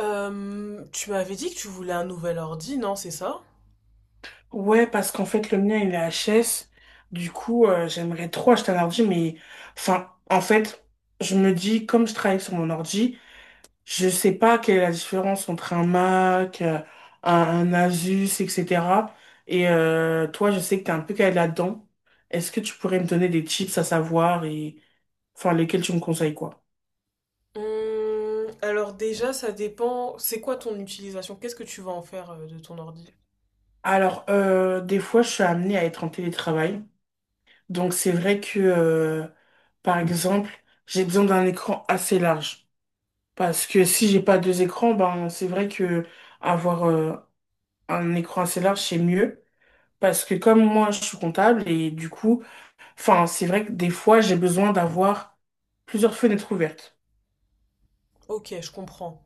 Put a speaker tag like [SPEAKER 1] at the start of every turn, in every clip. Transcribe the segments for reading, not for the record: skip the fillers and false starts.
[SPEAKER 1] Tu m'avais dit que tu voulais un nouvel ordi, non, c'est ça?
[SPEAKER 2] Ouais, parce qu'en fait, le mien, il est HS. Du coup, j'aimerais trop acheter un ordi, mais enfin, en fait, je me dis, comme je travaille sur mon ordi, je sais pas quelle est la différence entre un Mac, un, un Asus, etc. Et toi, je sais que t'es un peu calé là-dedans. Est-ce que tu pourrais me donner des tips à savoir et enfin lesquels tu me conseilles quoi?
[SPEAKER 1] Alors déjà, ça dépend. C'est quoi ton utilisation? Qu'est-ce que tu vas en faire de ton ordi?
[SPEAKER 2] Alors, des fois, je suis amenée à être en télétravail. Donc, c'est vrai que, par exemple, j'ai besoin d'un écran assez large. Parce que si j'ai pas deux écrans, ben c'est vrai que avoir un écran assez large, c'est mieux. Parce que comme moi, je suis comptable et du coup, enfin, c'est vrai que des fois, j'ai besoin d'avoir plusieurs fenêtres ouvertes.
[SPEAKER 1] Ok, je comprends.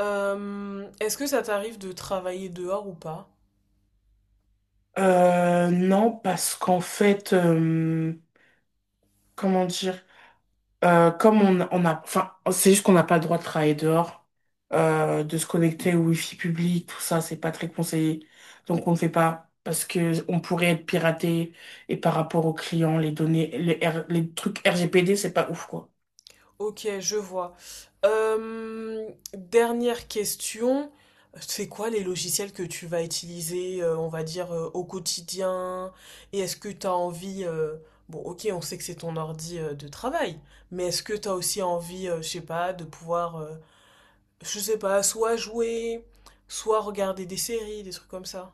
[SPEAKER 1] Est-ce que ça t'arrive de travailler dehors ou pas?
[SPEAKER 2] Non, parce qu'en fait, comment dire? Comme on a, enfin, c'est juste qu'on n'a pas le droit de travailler dehors, de se connecter au wifi public, tout ça, c'est pas très conseillé. Donc on ne fait pas parce que on pourrait être piraté et par rapport aux clients, les données, les trucs RGPD, c'est pas ouf quoi.
[SPEAKER 1] Ok, je vois. Euh, Dernière question. C'est quoi les logiciels que tu vas utiliser, on va dire, au quotidien? Et est-ce que tu as envie, bon, ok, on sait que c'est ton ordi, de travail, mais est-ce que tu as aussi envie, je sais pas, de pouvoir, je sais pas, soit jouer, soit regarder des séries, des trucs comme ça?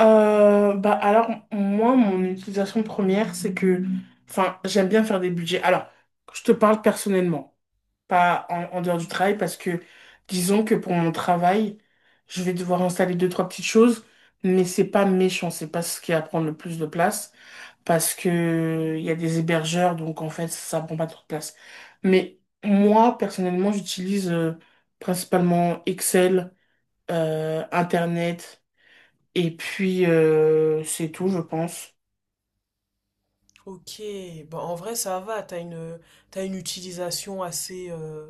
[SPEAKER 2] Bah alors moi mon utilisation première c'est que enfin j'aime bien faire des budgets. Alors je te parle personnellement, pas en dehors du travail parce que disons que pour mon travail je vais devoir installer deux trois petites choses mais c'est pas méchant, c'est pas ce qui va prendre le plus de place parce que il y a des hébergeurs donc en fait ça prend pas trop de place. Mais moi personnellement j'utilise principalement Excel, Internet. Et puis, c'est tout, je pense.
[SPEAKER 1] Ok, bah en vrai ça va, t'as une utilisation assez, euh,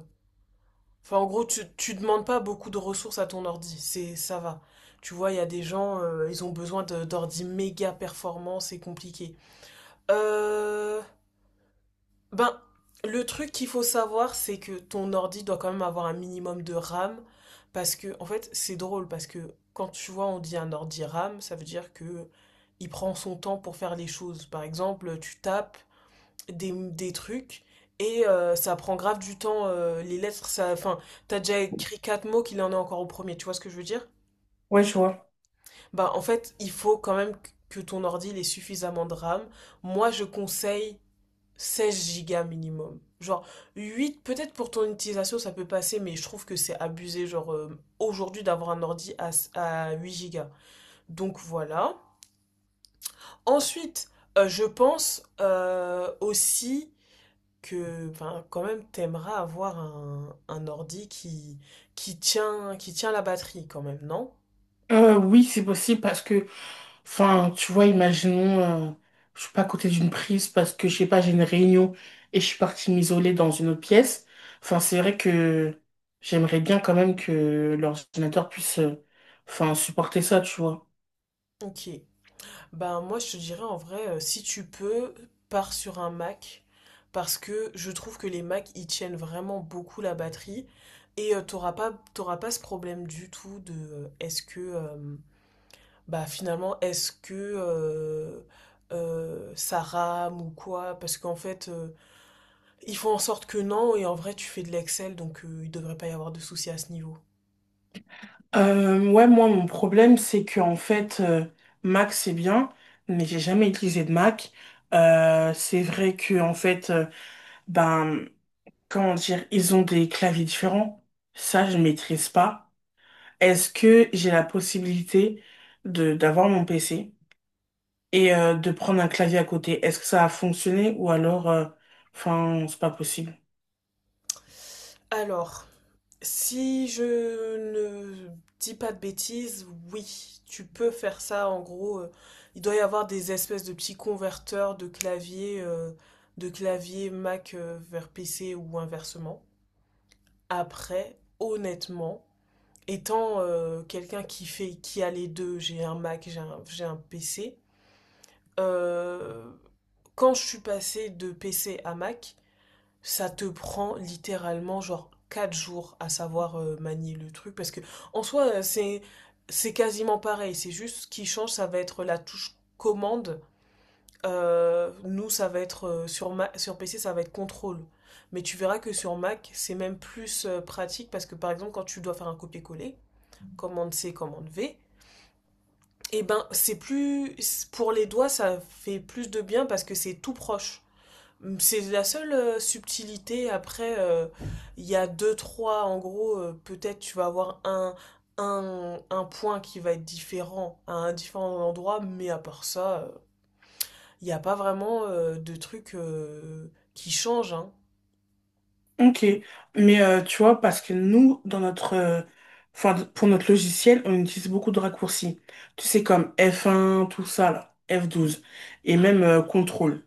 [SPEAKER 1] Enfin, en gros, tu demandes pas beaucoup de ressources à ton ordi, c'est ça va. Tu vois, il y a des gens, ils ont besoin d'ordi méga performants, c'est compliqué. Euh, ben, le truc qu'il faut savoir, c'est que ton ordi doit quand même avoir un minimum de RAM, parce que, en fait, c'est drôle, parce que quand tu vois, on dit un ordi RAM, ça veut dire que il prend son temps pour faire les choses. Par exemple, tu tapes, des trucs et ça prend grave du temps, les lettres ça, enfin, t'as déjà écrit quatre mots qu'il en est encore au premier, tu vois ce que je veux dire.
[SPEAKER 2] Ouais, je vois.
[SPEAKER 1] Bah en fait il faut quand même que ton ordi il ait suffisamment de RAM. Moi je conseille 16 gigas minimum, genre 8 peut-être pour ton utilisation ça peut passer, mais je trouve que c'est abusé genre aujourd'hui d'avoir un ordi à 8 gigas. Donc voilà. Ensuite je pense aussi que ben, quand même t'aimeras avoir un ordi qui tient la batterie quand même, non?
[SPEAKER 2] Oui, c'est possible parce que, enfin, tu vois, imaginons, euh, je suis pas à côté d'une prise parce que, je sais pas, j'ai une réunion et je suis partie m'isoler dans une autre pièce. Enfin, c'est vrai que j'aimerais bien quand même que l'ordinateur puisse, enfin, supporter ça, tu vois.
[SPEAKER 1] Ok. Ben moi je te dirais en vrai, si tu peux, pars sur un Mac, parce que je trouve que les Mac ils tiennent vraiment beaucoup la batterie, et t'auras pas ce problème du tout de est-ce que bah finalement est-ce que ça rame ou quoi, parce qu'en fait ils font en sorte que non, et en vrai, tu fais de l'Excel, donc il devrait pas y avoir de soucis à ce niveau.
[SPEAKER 2] Ouais, moi, mon problème, c'est que, en fait, Mac, c'est bien, mais j'ai jamais utilisé de Mac. C'est vrai que, en fait, ben, comment dire, ils ont des claviers différents. Ça, je maîtrise pas. Est-ce que j'ai la possibilité de d'avoir mon PC et de prendre un clavier à côté? Est-ce que ça a fonctionné ou alors, enfin, c'est pas possible.
[SPEAKER 1] Alors, si je ne dis pas de bêtises, oui, tu peux faire ça. En gros, il doit y avoir des espèces de petits converteurs de clavier Mac, vers PC ou inversement. Après, honnêtement, étant quelqu'un qui a les deux, j'ai un Mac, j'ai un PC. euh, Quand je suis passée de PC à Mac, ça te prend littéralement genre 4 jours à savoir manier le truc parce que en soi c'est quasiment pareil, c'est juste ce qui change ça va être la touche commande. Nous ça va être sur PC ça va être contrôle. Mais tu verras que sur Mac, c'est même plus pratique parce que par exemple quand tu dois faire un copier-coller, commande C, commande V, et ben c'est plus pour les doigts, ça fait plus de bien parce que c'est tout proche. C'est la seule subtilité. Après, il y a deux, trois. En gros, peut-être tu vas avoir un point qui va être différent à un différent endroit, mais à part ça, il n'y a pas vraiment de trucs qui changent, hein.
[SPEAKER 2] Ok, mais tu vois, parce que nous, dans notre, enfin, pour notre logiciel, on utilise beaucoup de raccourcis. Tu sais, comme F1, tout ça, là, F12, et même contrôle.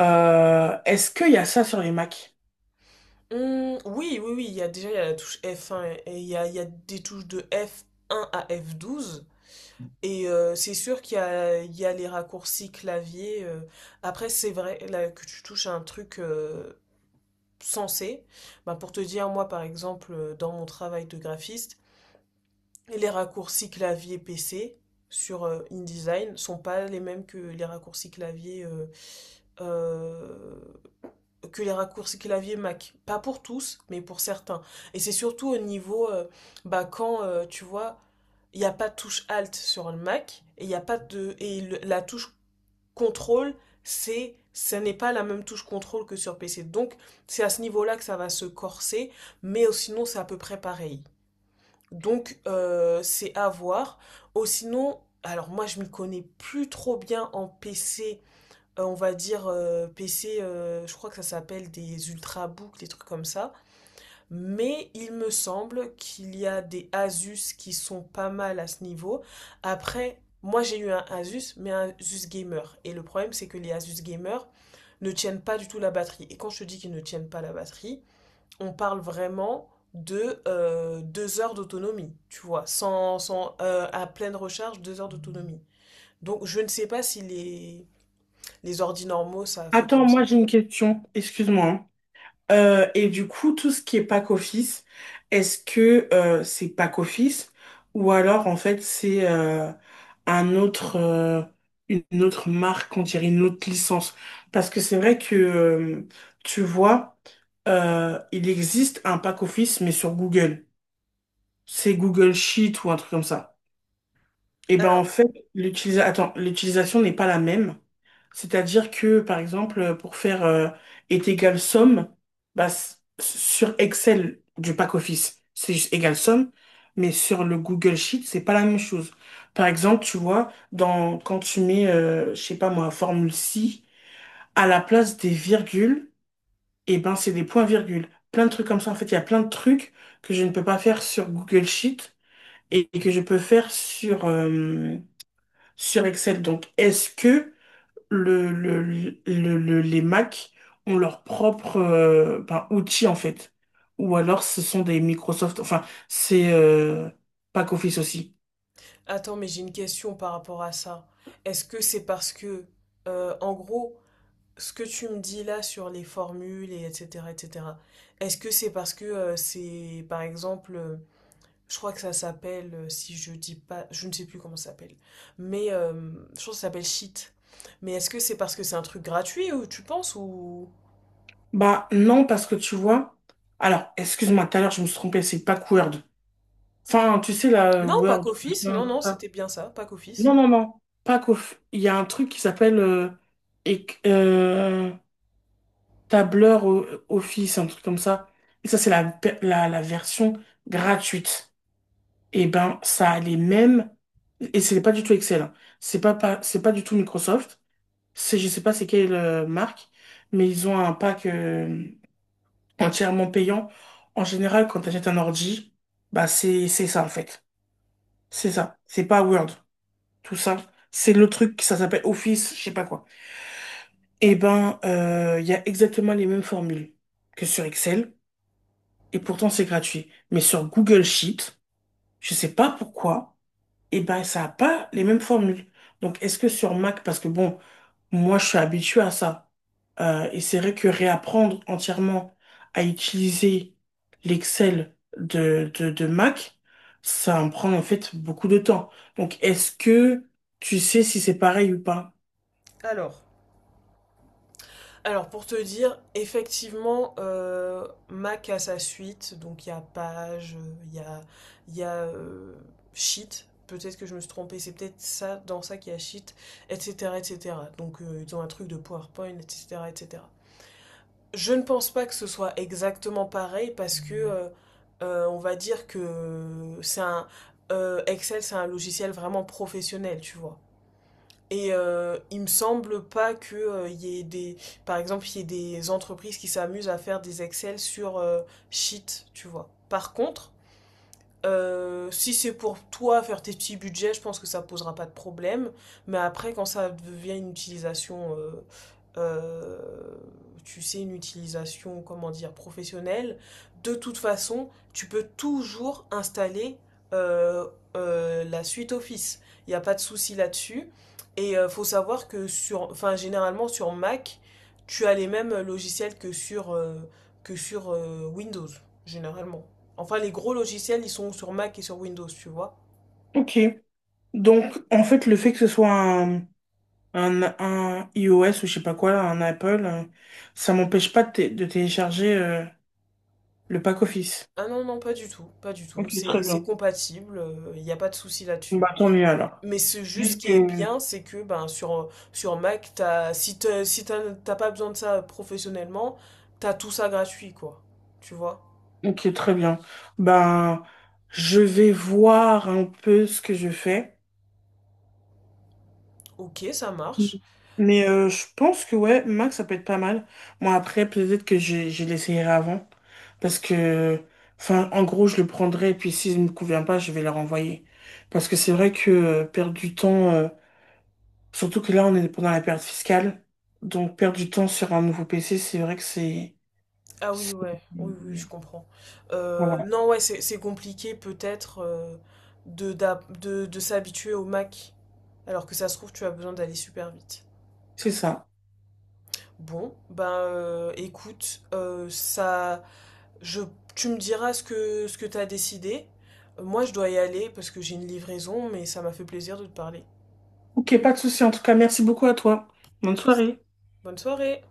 [SPEAKER 2] Est-ce qu'il y a ça sur les Mac?
[SPEAKER 1] Oui, oui, oui, il y a déjà il y a la touche F1 et il y a des touches de F1 à F12. Et c'est sûr qu'il y a, il y a, les raccourcis clavier. Après, c'est vrai là, que tu touches à un truc sensé. Bah, pour te dire, moi par exemple, dans mon travail de graphiste, les raccourcis clavier PC sur InDesign sont pas les mêmes que les raccourcis clavier euh, que les raccourcis clavier Mac. Pas pour tous, mais pour certains. Et c'est surtout au niveau bah, quand tu vois, il n'y a pas de touche Alt sur le Mac et il y a pas de et la touche contrôle, c'est ce n'est pas la même touche contrôle que sur PC. Donc, c'est à ce niveau-là que ça va se corser, mais sinon, c'est à peu près pareil. Donc, c'est à voir. Au sinon, alors moi, je m'y connais plus trop bien en PC, on va dire PC, je crois que ça s'appelle des ultrabooks, des trucs comme ça. Mais il me semble qu'il y a des Asus qui sont pas mal à ce niveau. Après, moi j'ai eu un Asus, mais un Asus Gamer. Et le problème, c'est que les Asus Gamer ne tiennent pas du tout la batterie. Et quand je te dis qu'ils ne tiennent pas la batterie, on parle vraiment de 2 heures d'autonomie, tu vois, sans à pleine recharge, 2 heures d'autonomie. Donc je ne sais pas si les ordi normaux, ça fait
[SPEAKER 2] Attends,
[SPEAKER 1] comme
[SPEAKER 2] moi
[SPEAKER 1] ça.
[SPEAKER 2] j'ai une question, excuse-moi, hein. Et du coup, tout ce qui est pack office, est-ce que c'est pack office ou alors en fait c'est un autre, une autre marque, on dirait une autre licence? Parce que c'est vrai que tu vois, il existe un pack office mais sur Google. C'est Google Sheet ou un truc comme ça et ben en
[SPEAKER 1] Alors,
[SPEAKER 2] fait, attends, l'utilisation n'est pas la même. C'est-à-dire que, par exemple, pour faire est égal somme, sur Excel du pack office c'est juste égal somme, mais sur le Google Sheet, c'est pas la même chose. Par exemple, tu vois, dans, quand tu mets, je sais pas moi, formule si, à la place des virgules, et ben c'est des points-virgules. Plein de trucs comme ça. En fait, il y a plein de trucs que je ne peux pas faire sur Google Sheet et que je peux faire sur sur Excel. Donc, est-ce que le, le- les Mac ont leur propre ben, outil en fait? Ou alors ce sont des Microsoft, enfin, c'est Office aussi.
[SPEAKER 1] attends, mais j'ai une question par rapport à ça. Est-ce que c'est parce que, en gros, ce que tu me dis là sur les formules et etc., etc., est-ce que c'est parce que c'est, par exemple, je crois que ça s'appelle, si je dis pas, je ne sais plus comment ça s'appelle, mais je crois que ça s'appelle sheet. Mais est-ce que c'est parce que c'est un truc gratuit ou tu penses ou...
[SPEAKER 2] Bah non, parce que tu vois, alors, excuse-moi, tout à l'heure je me suis trompé, c'est Pack Word. Enfin, tu sais, la
[SPEAKER 1] Non, pas
[SPEAKER 2] Word,
[SPEAKER 1] qu'office,
[SPEAKER 2] machin,
[SPEAKER 1] non,
[SPEAKER 2] tout
[SPEAKER 1] non,
[SPEAKER 2] ça.
[SPEAKER 1] c'était bien ça, pas qu'office.
[SPEAKER 2] Non, non, non, il y a un truc qui s'appelle éc- euh, tableur Office, un truc comme ça. Et ça, c'est la version gratuite. Et ben, ça a les mêmes, et c'est pas du tout Excel, hein. C'est pas du tout Microsoft. C'est, je sais pas c'est quelle marque, mais ils ont un pack entièrement payant. En général, quand tu achètes un ordi, c'est ça, en fait. C'est ça. C'est pas Word. Tout ça. C'est le truc, ça s'appelle Office, je sais pas quoi. Et ben, il y a exactement les mêmes formules que sur Excel. Et pourtant c'est gratuit. Mais sur Google Sheet, je sais pas pourquoi, et ben ça a pas les mêmes formules. Donc est-ce que sur Mac, parce que bon, moi je suis habitué à ça, et c'est vrai que réapprendre entièrement à utiliser l'Excel de Mac, ça me prend en fait beaucoup de temps. Donc est-ce que tu sais si c'est pareil ou pas?
[SPEAKER 1] Alors. Alors pour te dire, effectivement, Mac a sa suite, donc il y a Page, il y a, Sheet, peut-être que je me suis trompée, c'est peut-être ça, dans ça qu'il y a Sheet, etc. etc. Donc ils ont un truc de PowerPoint, etc. etc. Je ne pense pas que ce soit exactement pareil parce que on va dire que c'est un, Excel c'est un logiciel vraiment professionnel, tu vois. Et il me semble pas que il y ait des, par exemple, il y ait des entreprises qui s'amusent à faire des Excel sur Sheet, tu vois. Par contre, si c'est pour toi faire tes petits budgets, je pense que ça posera pas de problème. Mais après, quand ça devient une utilisation, euh, tu sais, une utilisation, comment dire, professionnelle, de toute façon, tu peux toujours installer euh, la suite Office. Il n'y a pas de souci là-dessus. Et faut savoir que sur, enfin, généralement sur Mac, tu as les mêmes logiciels que sur Windows, généralement. Enfin, les gros logiciels, ils sont sur Mac et sur Windows, tu vois.
[SPEAKER 2] Ok. Donc en fait le fait que ce soit un iOS ou je sais pas quoi, un Apple, ça m'empêche pas de, de télécharger le pack office.
[SPEAKER 1] Ah non, non, pas du tout, pas du
[SPEAKER 2] Ok,
[SPEAKER 1] tout.
[SPEAKER 2] très
[SPEAKER 1] C'est
[SPEAKER 2] bien.
[SPEAKER 1] compatible, il n'y a pas de souci là-dessus.
[SPEAKER 2] Bah tant mieux alors.
[SPEAKER 1] Mais c'est juste ce
[SPEAKER 2] Juste
[SPEAKER 1] qui est
[SPEAKER 2] que...
[SPEAKER 1] bien, c'est que ben, sur Mac, t'as, si t'as, si t'as- t'as pas besoin de ça professionnellement, t'as tout ça gratuit, quoi. Tu vois?
[SPEAKER 2] Ok, très bien. Ben, je vais voir un peu ce que je fais.
[SPEAKER 1] Ok, ça
[SPEAKER 2] Mm.
[SPEAKER 1] marche.
[SPEAKER 2] Mais je pense que ouais, Mac, ça peut être pas mal. Moi, après, peut-être que je l'essayerai avant. Parce que, enfin, en gros, je le prendrai et puis s'il ne me convient pas, je vais le renvoyer. Parce que c'est vrai que perdre du temps. Surtout que là, on est pendant la période fiscale. Donc, perdre du temps sur un nouveau PC, c'est vrai que
[SPEAKER 1] Ah oui, ouais, oui, oui, je
[SPEAKER 2] c'est-
[SPEAKER 1] comprends.
[SPEAKER 2] Voilà,
[SPEAKER 1] Non, ouais, c'est compliqué peut-être, de s'habituer au Mac, alors que ça se trouve, tu as besoin d'aller super vite.
[SPEAKER 2] c'est ça.
[SPEAKER 1] Bon, ben écoute, ça, je, tu me diras ce que t'as décidé. Moi, je dois y aller parce que j'ai une livraison, mais ça m'a fait plaisir de te parler.
[SPEAKER 2] Ok, pas de souci. En tout cas, merci beaucoup à toi. Bonne soirée.
[SPEAKER 1] Bonne soirée.